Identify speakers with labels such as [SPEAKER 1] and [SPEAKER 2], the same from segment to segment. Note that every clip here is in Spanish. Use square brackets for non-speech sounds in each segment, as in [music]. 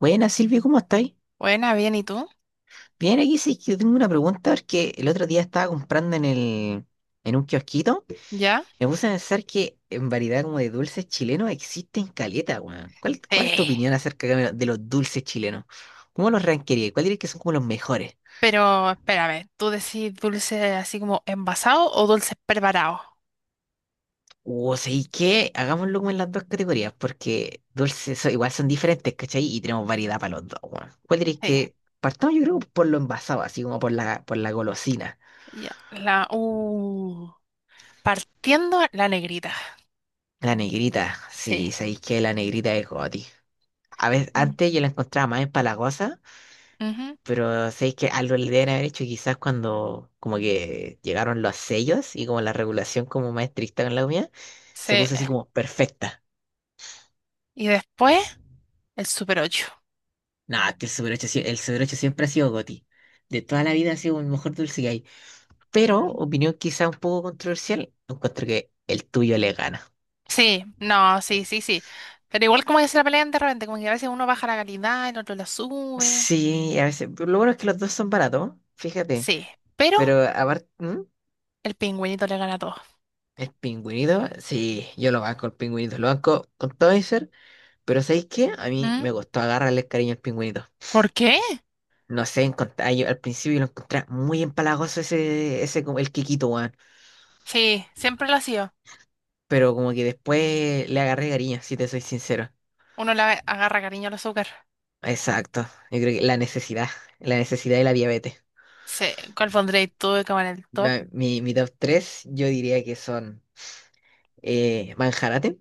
[SPEAKER 1] Buenas, Silvio, ¿cómo estáis?
[SPEAKER 2] Buena, bien, ¿y tú?
[SPEAKER 1] Bien, aquí sí que tengo una pregunta porque el otro día estaba comprando en un kiosquito.
[SPEAKER 2] ¿Ya?
[SPEAKER 1] Me puse a pensar que en variedad como de dulces chilenos existen caleta, weón. ¿Cuál,
[SPEAKER 2] Sí.
[SPEAKER 1] cuál es tu opinión acerca de los dulces chilenos? ¿Cómo los ranquerías? ¿Cuál dirías que son como los mejores?
[SPEAKER 2] Pero espera, a ver, ¿tú decís dulce así como envasado o dulce preparado?
[SPEAKER 1] O sea, ¿y qué? Hagámoslo como en las dos categorías, porque igual son diferentes, ¿cachai? Y tenemos variedad para los dos, weón. ¿Cuál dirías
[SPEAKER 2] Sí.
[SPEAKER 1] que partamos, yo creo, por lo envasado, así como por la golosina?
[SPEAKER 2] Ya. La Partiendo la negrita.
[SPEAKER 1] La negrita,
[SPEAKER 2] Sí.
[SPEAKER 1] sí, sabéis que la negrita es goti. A veces,
[SPEAKER 2] Mm.
[SPEAKER 1] antes yo la encontraba más empalagosa,
[SPEAKER 2] Ujú,
[SPEAKER 1] pero sabéis que algo le deben haber hecho quizás cuando como que llegaron los sellos y como la regulación como más estricta con la comida, se
[SPEAKER 2] sí.
[SPEAKER 1] puso así como perfecta.
[SPEAKER 2] Y después el Super 8.
[SPEAKER 1] No, es que el Super 8, el Super 8 siempre ha sido goti. De toda la vida ha sido el mejor dulce que hay. Pero,
[SPEAKER 2] Mm.
[SPEAKER 1] opinión quizás un poco controversial, encuentro que el tuyo le gana.
[SPEAKER 2] Sí, no, sí, sí, sí. Pero igual como que se la pelean de repente, como que a veces uno baja la calidad, el otro la sube.
[SPEAKER 1] Sí, a veces, pero lo bueno es que los dos son baratos, fíjate.
[SPEAKER 2] Sí. Pero
[SPEAKER 1] Pero aparte.
[SPEAKER 2] el pingüinito le gana a todos.
[SPEAKER 1] El pingüinito, sí, yo lo banco, el pingüinito, lo banco con todo mi ser, pero ¿sabéis qué? A mí
[SPEAKER 2] ¿Mm?
[SPEAKER 1] me costó agarrarle el cariño al pingüinito.
[SPEAKER 2] ¿Por qué?
[SPEAKER 1] No sé, encontrar, yo al principio lo encontré muy empalagoso ese, como el Kikito, weón.
[SPEAKER 2] Sí, siempre lo ha sido.
[SPEAKER 1] Pero como que después le agarré cariño, si te soy sincero.
[SPEAKER 2] Uno le agarra cariño al azúcar.
[SPEAKER 1] Exacto, yo creo que la necesidad y la diabetes.
[SPEAKER 2] Sí, ¿cuál pondréis tú como en el
[SPEAKER 1] Yo,
[SPEAKER 2] top?
[SPEAKER 1] mi, mi top 3 yo diría que son Manjarate,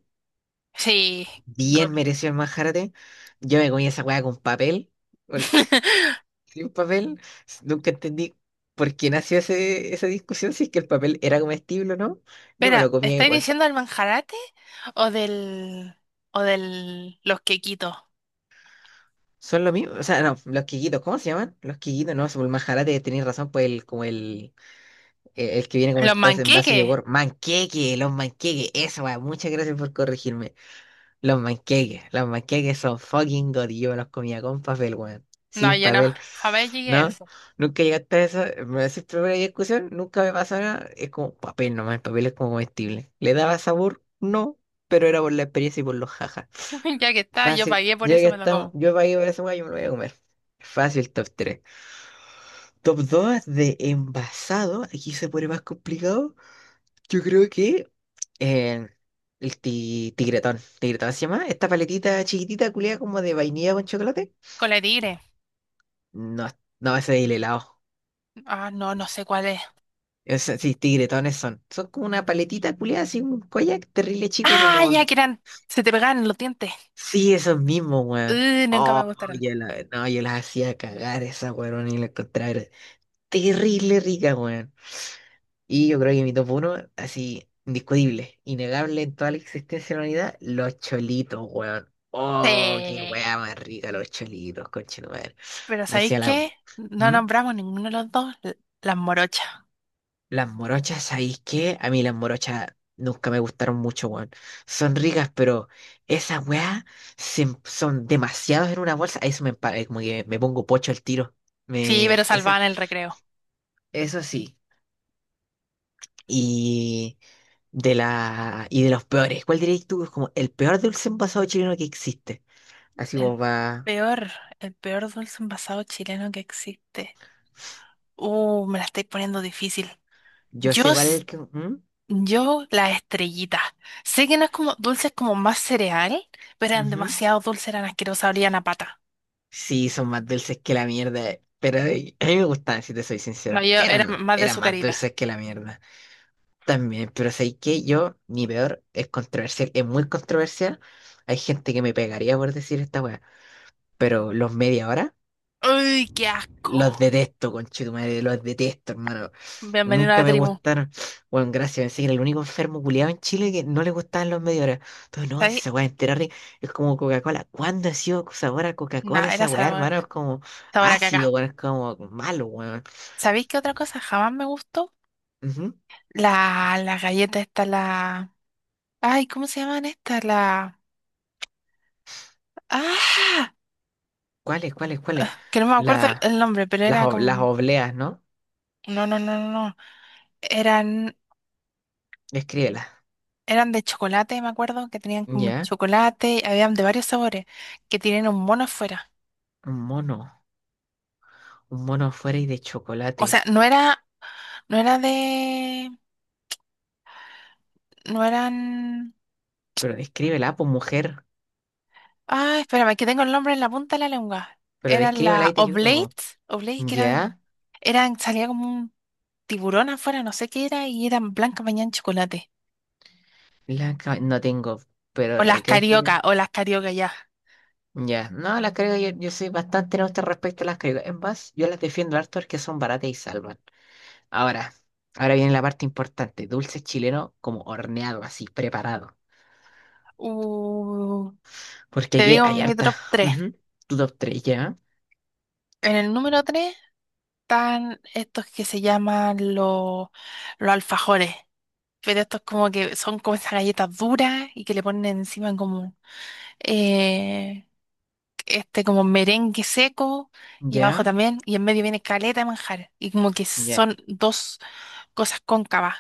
[SPEAKER 2] Sí, God.
[SPEAKER 1] bien mereció el Manjarate. Yo me comí esa weá con papel, porque
[SPEAKER 2] [laughs]
[SPEAKER 1] sí, un papel, nunca entendí por qué nació esa discusión, si es que el papel era comestible o no. Yo me
[SPEAKER 2] Espera,
[SPEAKER 1] lo comía
[SPEAKER 2] ¿estáis
[SPEAKER 1] igual.
[SPEAKER 2] diciendo del manjarate o del o del los quequitos?
[SPEAKER 1] Son lo mismo, o sea, no, los quiquitos, ¿cómo se llaman? Los quiquitos, no, el majarate, tenéis razón, pues el, que viene como en
[SPEAKER 2] ¿Los
[SPEAKER 1] envase en base de
[SPEAKER 2] manqueques?
[SPEAKER 1] yogur. Manqueque, los manqueques, eso, va, muchas gracias por corregirme. Los panqueques son fucking god y yo me los comía con papel, weón.
[SPEAKER 2] No,
[SPEAKER 1] Sin
[SPEAKER 2] yo no.
[SPEAKER 1] papel.
[SPEAKER 2] Jamás llegué a
[SPEAKER 1] ¿No?
[SPEAKER 2] eso.
[SPEAKER 1] Nunca llegaste a eso. Me decís primera discusión, nunca me pasó nada. Es como papel nomás, el papel es como comestible. ¿Le daba sabor? No, pero era por la experiencia y por los jajas.
[SPEAKER 2] [laughs] Ya que está, yo
[SPEAKER 1] Fácil.
[SPEAKER 2] pagué por
[SPEAKER 1] Ya que
[SPEAKER 2] eso, me lo
[SPEAKER 1] estamos,
[SPEAKER 2] como.
[SPEAKER 1] yo para ir por esa weá, yo me lo voy a comer. Fácil, top 3. Top 2 de envasado. Aquí se pone más complicado. Yo creo que eh, tigretón. ¿Tigretón se llama? Esta paletita chiquitita, culiada como de vainilla con chocolate.
[SPEAKER 2] Cola de tigre.
[SPEAKER 1] No, no, ese es el helado.
[SPEAKER 2] Ah, no, no sé cuál es.
[SPEAKER 1] Sí, tigretones son. Son como una paletita culiada, así un koyak terrible chico,
[SPEAKER 2] Ah,
[SPEAKER 1] como.
[SPEAKER 2] ya que eran, se te pegaban en los dientes.
[SPEAKER 1] Sí, esos mismos, weón.
[SPEAKER 2] Nunca me
[SPEAKER 1] Oh,
[SPEAKER 2] gustaron.
[SPEAKER 1] no, yo las hacía cagar esas, weón, y la encontraba. Terrible rica, weón. Y yo creo que mi top uno así, indiscutible, innegable en toda la existencia de la humanidad, los cholitos, weón. Oh, qué
[SPEAKER 2] Sí.
[SPEAKER 1] weá más rica los cholitos, conchetumadre.
[SPEAKER 2] Pero ¿sabéis
[SPEAKER 1] Decía la.
[SPEAKER 2] qué? No
[SPEAKER 1] ¿Mm?
[SPEAKER 2] nombramos ninguno de los dos las morochas.
[SPEAKER 1] Las morochas, ¿sabéis qué? A mí las morochas nunca me gustaron mucho, weón. Son ricas, pero esas weas son demasiados en una bolsa. Eso me empaga, como que me pongo pocho al tiro.
[SPEAKER 2] Sí,
[SPEAKER 1] Me,
[SPEAKER 2] pero
[SPEAKER 1] esa,
[SPEAKER 2] salvaban el recreo.
[SPEAKER 1] eso sí. y Y de los peores. ¿Cuál dirías tú que es como el peor dulce envasado chileno que existe? Así
[SPEAKER 2] El
[SPEAKER 1] como va...
[SPEAKER 2] peor, el peor dulce envasado chileno que existe. Me la estáis poniendo difícil.
[SPEAKER 1] Yo
[SPEAKER 2] Yo,
[SPEAKER 1] sé cuál es
[SPEAKER 2] s-
[SPEAKER 1] el que... ¿Mm?
[SPEAKER 2] yo, las estrellitas. Sé que no es como dulces como más cereal, pero eran
[SPEAKER 1] Ujú.
[SPEAKER 2] demasiado dulces, eran asquerosas, olían a pata.
[SPEAKER 1] Sí, son más dulces que la mierda. Pero a mí me gustaban, si te soy
[SPEAKER 2] No,
[SPEAKER 1] sincero.
[SPEAKER 2] yo era más de
[SPEAKER 1] Eran más
[SPEAKER 2] sucarita.
[SPEAKER 1] dulces que la mierda. También, pero sé que yo, mi peor, es controversial. Es muy controversial. Hay gente que me pegaría por decir esta weá. Pero los media hora.
[SPEAKER 2] ¡Uy, qué
[SPEAKER 1] Los
[SPEAKER 2] asco!
[SPEAKER 1] detesto, conchetumadre, los detesto, hermano.
[SPEAKER 2] Bienvenido a
[SPEAKER 1] Nunca
[SPEAKER 2] la
[SPEAKER 1] me
[SPEAKER 2] tribu.
[SPEAKER 1] gustaron. Bueno, gracias, pensé que era el único enfermo culiado en Chile que no le gustaban los media hora. Entonces, no, si
[SPEAKER 2] ¿Sabéis?
[SPEAKER 1] esa weá entera rica es como Coca-Cola. ¿Cuándo ha sido sabor a Coca-Cola
[SPEAKER 2] Nah, era
[SPEAKER 1] esa weá,
[SPEAKER 2] sabor,
[SPEAKER 1] hermano? Es como
[SPEAKER 2] sabor a caca.
[SPEAKER 1] ácido, weón, es como malo, weón.
[SPEAKER 2] ¿Sabéis qué otra cosa jamás me gustó?
[SPEAKER 1] Ujú.
[SPEAKER 2] La galleta esta. Ay, ¿cómo se llaman estas? Ah,
[SPEAKER 1] Cuáles?
[SPEAKER 2] que no me acuerdo el
[SPEAKER 1] La,
[SPEAKER 2] el nombre, pero era
[SPEAKER 1] las
[SPEAKER 2] como...
[SPEAKER 1] obleas, ¿no?
[SPEAKER 2] No, no, no, no, no. Eran,
[SPEAKER 1] Escríbelas.
[SPEAKER 2] eran de chocolate, me acuerdo, que tenían como
[SPEAKER 1] Ya,
[SPEAKER 2] chocolate, habían de varios sabores, que tienen un mono afuera.
[SPEAKER 1] un mono. Un mono afuera y de
[SPEAKER 2] O
[SPEAKER 1] chocolate.
[SPEAKER 2] sea, no era de. No eran.
[SPEAKER 1] Pero descríbela, pues mujer.
[SPEAKER 2] Ah, espérame, que tengo el nombre en la punta de la lengua.
[SPEAKER 1] Pero
[SPEAKER 2] Eran
[SPEAKER 1] descríbela
[SPEAKER 2] la
[SPEAKER 1] y te ayudo.
[SPEAKER 2] Oblates, Oblates que eran,
[SPEAKER 1] Ya.
[SPEAKER 2] eran, salía como un tiburón afuera, no sé qué era, y eran blancas bañadas en chocolate.
[SPEAKER 1] No tengo, pero
[SPEAKER 2] O las
[SPEAKER 1] requieres.
[SPEAKER 2] carioca, o las carioca ya.
[SPEAKER 1] Ya, no, las creo, yo soy bastante neutra respecto a las creo. En base, yo las defiendo harto porque son baratas y salvan. Ahora, ahora viene la parte importante, dulce chileno como horneado, así, preparado.
[SPEAKER 2] Uh,
[SPEAKER 1] Porque
[SPEAKER 2] Te
[SPEAKER 1] aquí
[SPEAKER 2] digo
[SPEAKER 1] hay
[SPEAKER 2] mi
[SPEAKER 1] harta.
[SPEAKER 2] top 3.
[SPEAKER 1] Ujú. Tu top 3, ya,
[SPEAKER 2] En el número 3 están estos que se llaman los alfajores. Pero estos como que son como esas galletas duras y que le ponen encima como eh, este como merengue seco y abajo
[SPEAKER 1] ya,
[SPEAKER 2] también y en medio viene caleta de manjar y como que
[SPEAKER 1] ya.
[SPEAKER 2] son dos cosas cóncavas.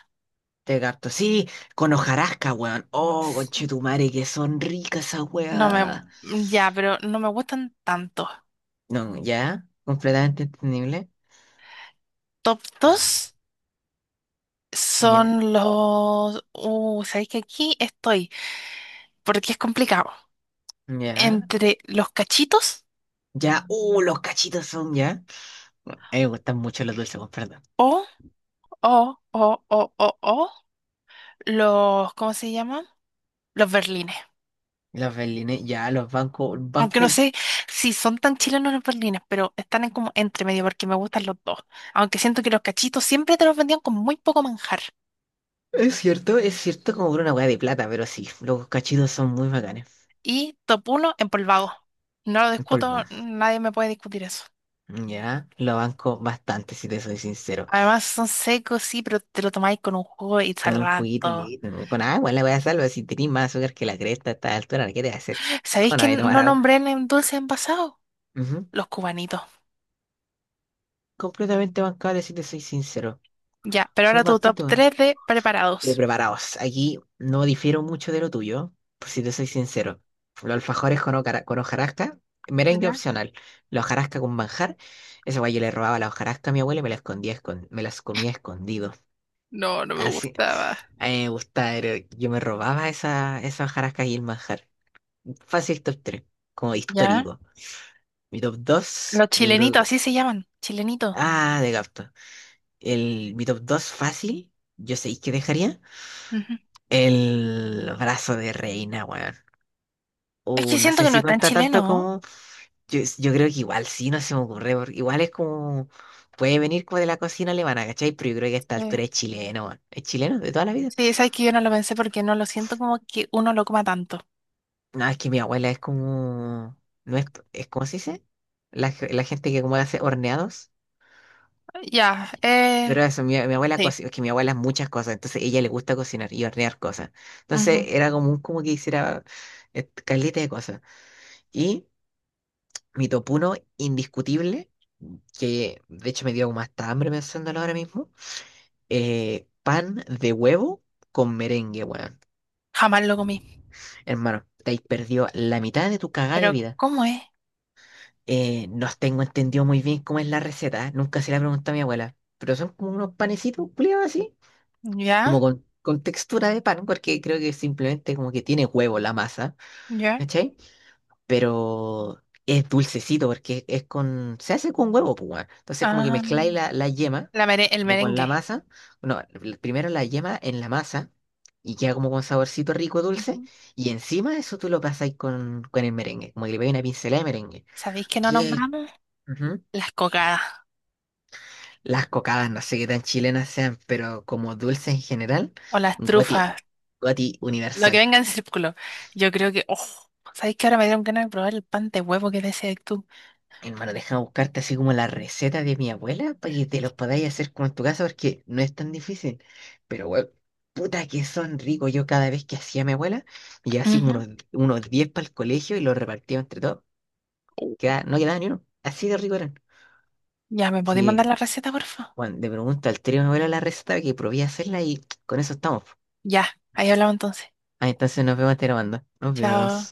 [SPEAKER 1] Te gato sí, con hojarasca, weón. Oh, conchetumare, que son ricas esas
[SPEAKER 2] No me
[SPEAKER 1] weas.
[SPEAKER 2] Ya, pero no me gustan tanto.
[SPEAKER 1] No, ya, completamente entendible.
[SPEAKER 2] Top 2
[SPEAKER 1] Ya,
[SPEAKER 2] son los, sabéis que aquí estoy porque es complicado,
[SPEAKER 1] ya.
[SPEAKER 2] entre los cachitos
[SPEAKER 1] Ya, los cachitos son ya. A mí me gustan mucho los dulces con perdón.
[SPEAKER 2] o, o ¿cómo se llaman? Los berlines.
[SPEAKER 1] Los berlines, ya, los bancos,
[SPEAKER 2] Aunque no
[SPEAKER 1] banco.
[SPEAKER 2] sé si son tan chilenos los berlines, pero están en como entre medio porque me gustan los dos. Aunque siento que los cachitos siempre te los vendían con muy poco manjar.
[SPEAKER 1] Es cierto como por una hueá de plata, pero sí, los cachitos son muy bacanes.
[SPEAKER 2] Y top uno, empolvado. No lo
[SPEAKER 1] En polvo.
[SPEAKER 2] discuto, nadie me puede discutir eso.
[SPEAKER 1] Ya, lo banco bastante, si te soy sincero.
[SPEAKER 2] Además son secos, sí, pero te lo tomáis con un jugo y
[SPEAKER 1] Con un juguito
[SPEAKER 2] salvando.
[SPEAKER 1] y con agua, la voy a salvar. Si tenés más azúcar que la cresta a esta altura, ¿qué te va a hacer?
[SPEAKER 2] ¿Sabéis
[SPEAKER 1] ¿Cómo no
[SPEAKER 2] que
[SPEAKER 1] voy a tomar
[SPEAKER 2] no
[SPEAKER 1] agua?
[SPEAKER 2] nombré en dulce envasado?
[SPEAKER 1] Ujú.
[SPEAKER 2] Los cubanitos.
[SPEAKER 1] Completamente bancable, si te soy sincero.
[SPEAKER 2] Ya, pero
[SPEAKER 1] Son
[SPEAKER 2] ahora tu
[SPEAKER 1] bastante
[SPEAKER 2] top
[SPEAKER 1] buenos.
[SPEAKER 2] 3 de preparados.
[SPEAKER 1] Preparaos, aquí no difiero mucho de lo tuyo, por si te soy sincero. Los alfajores con hojarasca, merengue
[SPEAKER 2] Ya.
[SPEAKER 1] opcional. La hojarasca con manjar, esa guay yo le robaba la hojarasca a mi abuela y me la escondía, me las comía escondido.
[SPEAKER 2] No, no me
[SPEAKER 1] Así,
[SPEAKER 2] gustaba.
[SPEAKER 1] a mí me gusta, yo me robaba esa hojarasca y el manjar. Fácil top 3 como
[SPEAKER 2] Ya.
[SPEAKER 1] histórico. Mi top 2
[SPEAKER 2] Los
[SPEAKER 1] yo
[SPEAKER 2] chilenitos,
[SPEAKER 1] creo.
[SPEAKER 2] así se llaman, chilenitos.
[SPEAKER 1] Ah, de gato. El, mi top 2 fácil, yo sé que dejaría.
[SPEAKER 2] Ujú.
[SPEAKER 1] El brazo de reina, weón.
[SPEAKER 2] Es que
[SPEAKER 1] O no
[SPEAKER 2] siento
[SPEAKER 1] sé
[SPEAKER 2] que no
[SPEAKER 1] si
[SPEAKER 2] es tan
[SPEAKER 1] cuenta
[SPEAKER 2] chileno,
[SPEAKER 1] tanto
[SPEAKER 2] ¿no?
[SPEAKER 1] como. Yo creo que igual sí, no se me ocurre. Porque igual es como. Puede venir como de la cocina alemana, ¿cachai? Pero yo creo que a esta altura
[SPEAKER 2] Sí.
[SPEAKER 1] es chileno, weón. Es chileno de toda la vida.
[SPEAKER 2] Sí, sabes que yo no lo pensé porque no lo siento como que uno lo coma tanto.
[SPEAKER 1] No, es que mi abuela es como. No es, es ¿cómo se dice? La gente que como hace horneados.
[SPEAKER 2] Ya,
[SPEAKER 1] Pero eso, mi abuela
[SPEAKER 2] sí.
[SPEAKER 1] cocina, es que mi abuela es muchas cosas, entonces ella le gusta cocinar y hornear cosas. Entonces
[SPEAKER 2] Ujú.
[SPEAKER 1] era común como que hiciera caleta de cosas. Y mi topuno indiscutible, que de hecho me dio como hasta hambre pensándolo ahora mismo. Pan de huevo con merengue, weón.
[SPEAKER 2] Jamás lo comí.
[SPEAKER 1] Hermano, te has perdido la mitad de tu cagada de
[SPEAKER 2] Pero,
[SPEAKER 1] vida.
[SPEAKER 2] ¿cómo es?
[SPEAKER 1] No tengo entendido muy bien cómo es la receta, ¿eh? Nunca se la preguntado a mi abuela, pero son como unos panecitos culiados así,
[SPEAKER 2] Ya,
[SPEAKER 1] como con textura de pan, porque creo que simplemente como que tiene huevo la masa,
[SPEAKER 2] ya.
[SPEAKER 1] ¿cachai? Pero es dulcecito porque es se hace con huevo, pues, weón. Entonces como que
[SPEAKER 2] Ah,
[SPEAKER 1] mezcláis la yema
[SPEAKER 2] el
[SPEAKER 1] como con la
[SPEAKER 2] merengue.
[SPEAKER 1] masa, bueno, primero la yema en la masa y queda como con saborcito rico dulce
[SPEAKER 2] Ujú.
[SPEAKER 1] y encima eso tú lo pasáis con el merengue, como que le pegáis una pincelada de merengue.
[SPEAKER 2] ¿Sabéis que no
[SPEAKER 1] Que
[SPEAKER 2] nombramos?
[SPEAKER 1] ujú.
[SPEAKER 2] Las cocadas
[SPEAKER 1] Las cocadas, no sé qué tan chilenas sean, pero como dulce en general,
[SPEAKER 2] o las
[SPEAKER 1] goti,
[SPEAKER 2] trufas.
[SPEAKER 1] goti
[SPEAKER 2] Lo que
[SPEAKER 1] universal.
[SPEAKER 2] venga en círculo. Yo creo que, oh, ¿sabéis que ahora me dieron ganas de probar el pan de huevo que decías tú?
[SPEAKER 1] Hermano, déjame buscarte así como la receta de mi abuela para que te los podáis hacer como en tu casa porque no es tan difícil. Pero, weón, puta que son ricos. Yo cada vez que hacía mi abuela, me llevaba así como
[SPEAKER 2] Ujú.
[SPEAKER 1] unos 10 para el colegio y los repartía entre todos. No quedaba ni uno. Así de rico eran.
[SPEAKER 2] Ya, ¿me podéis mandar
[SPEAKER 1] Así
[SPEAKER 2] la receta, porfa?
[SPEAKER 1] bueno, le pregunto al trío de mi abuela la receta que probé a hacerla y con eso estamos.
[SPEAKER 2] Ya, ahí hablamos entonces.
[SPEAKER 1] Ah, entonces nos vemos, te lo mando. Nos
[SPEAKER 2] Chao.
[SPEAKER 1] vemos.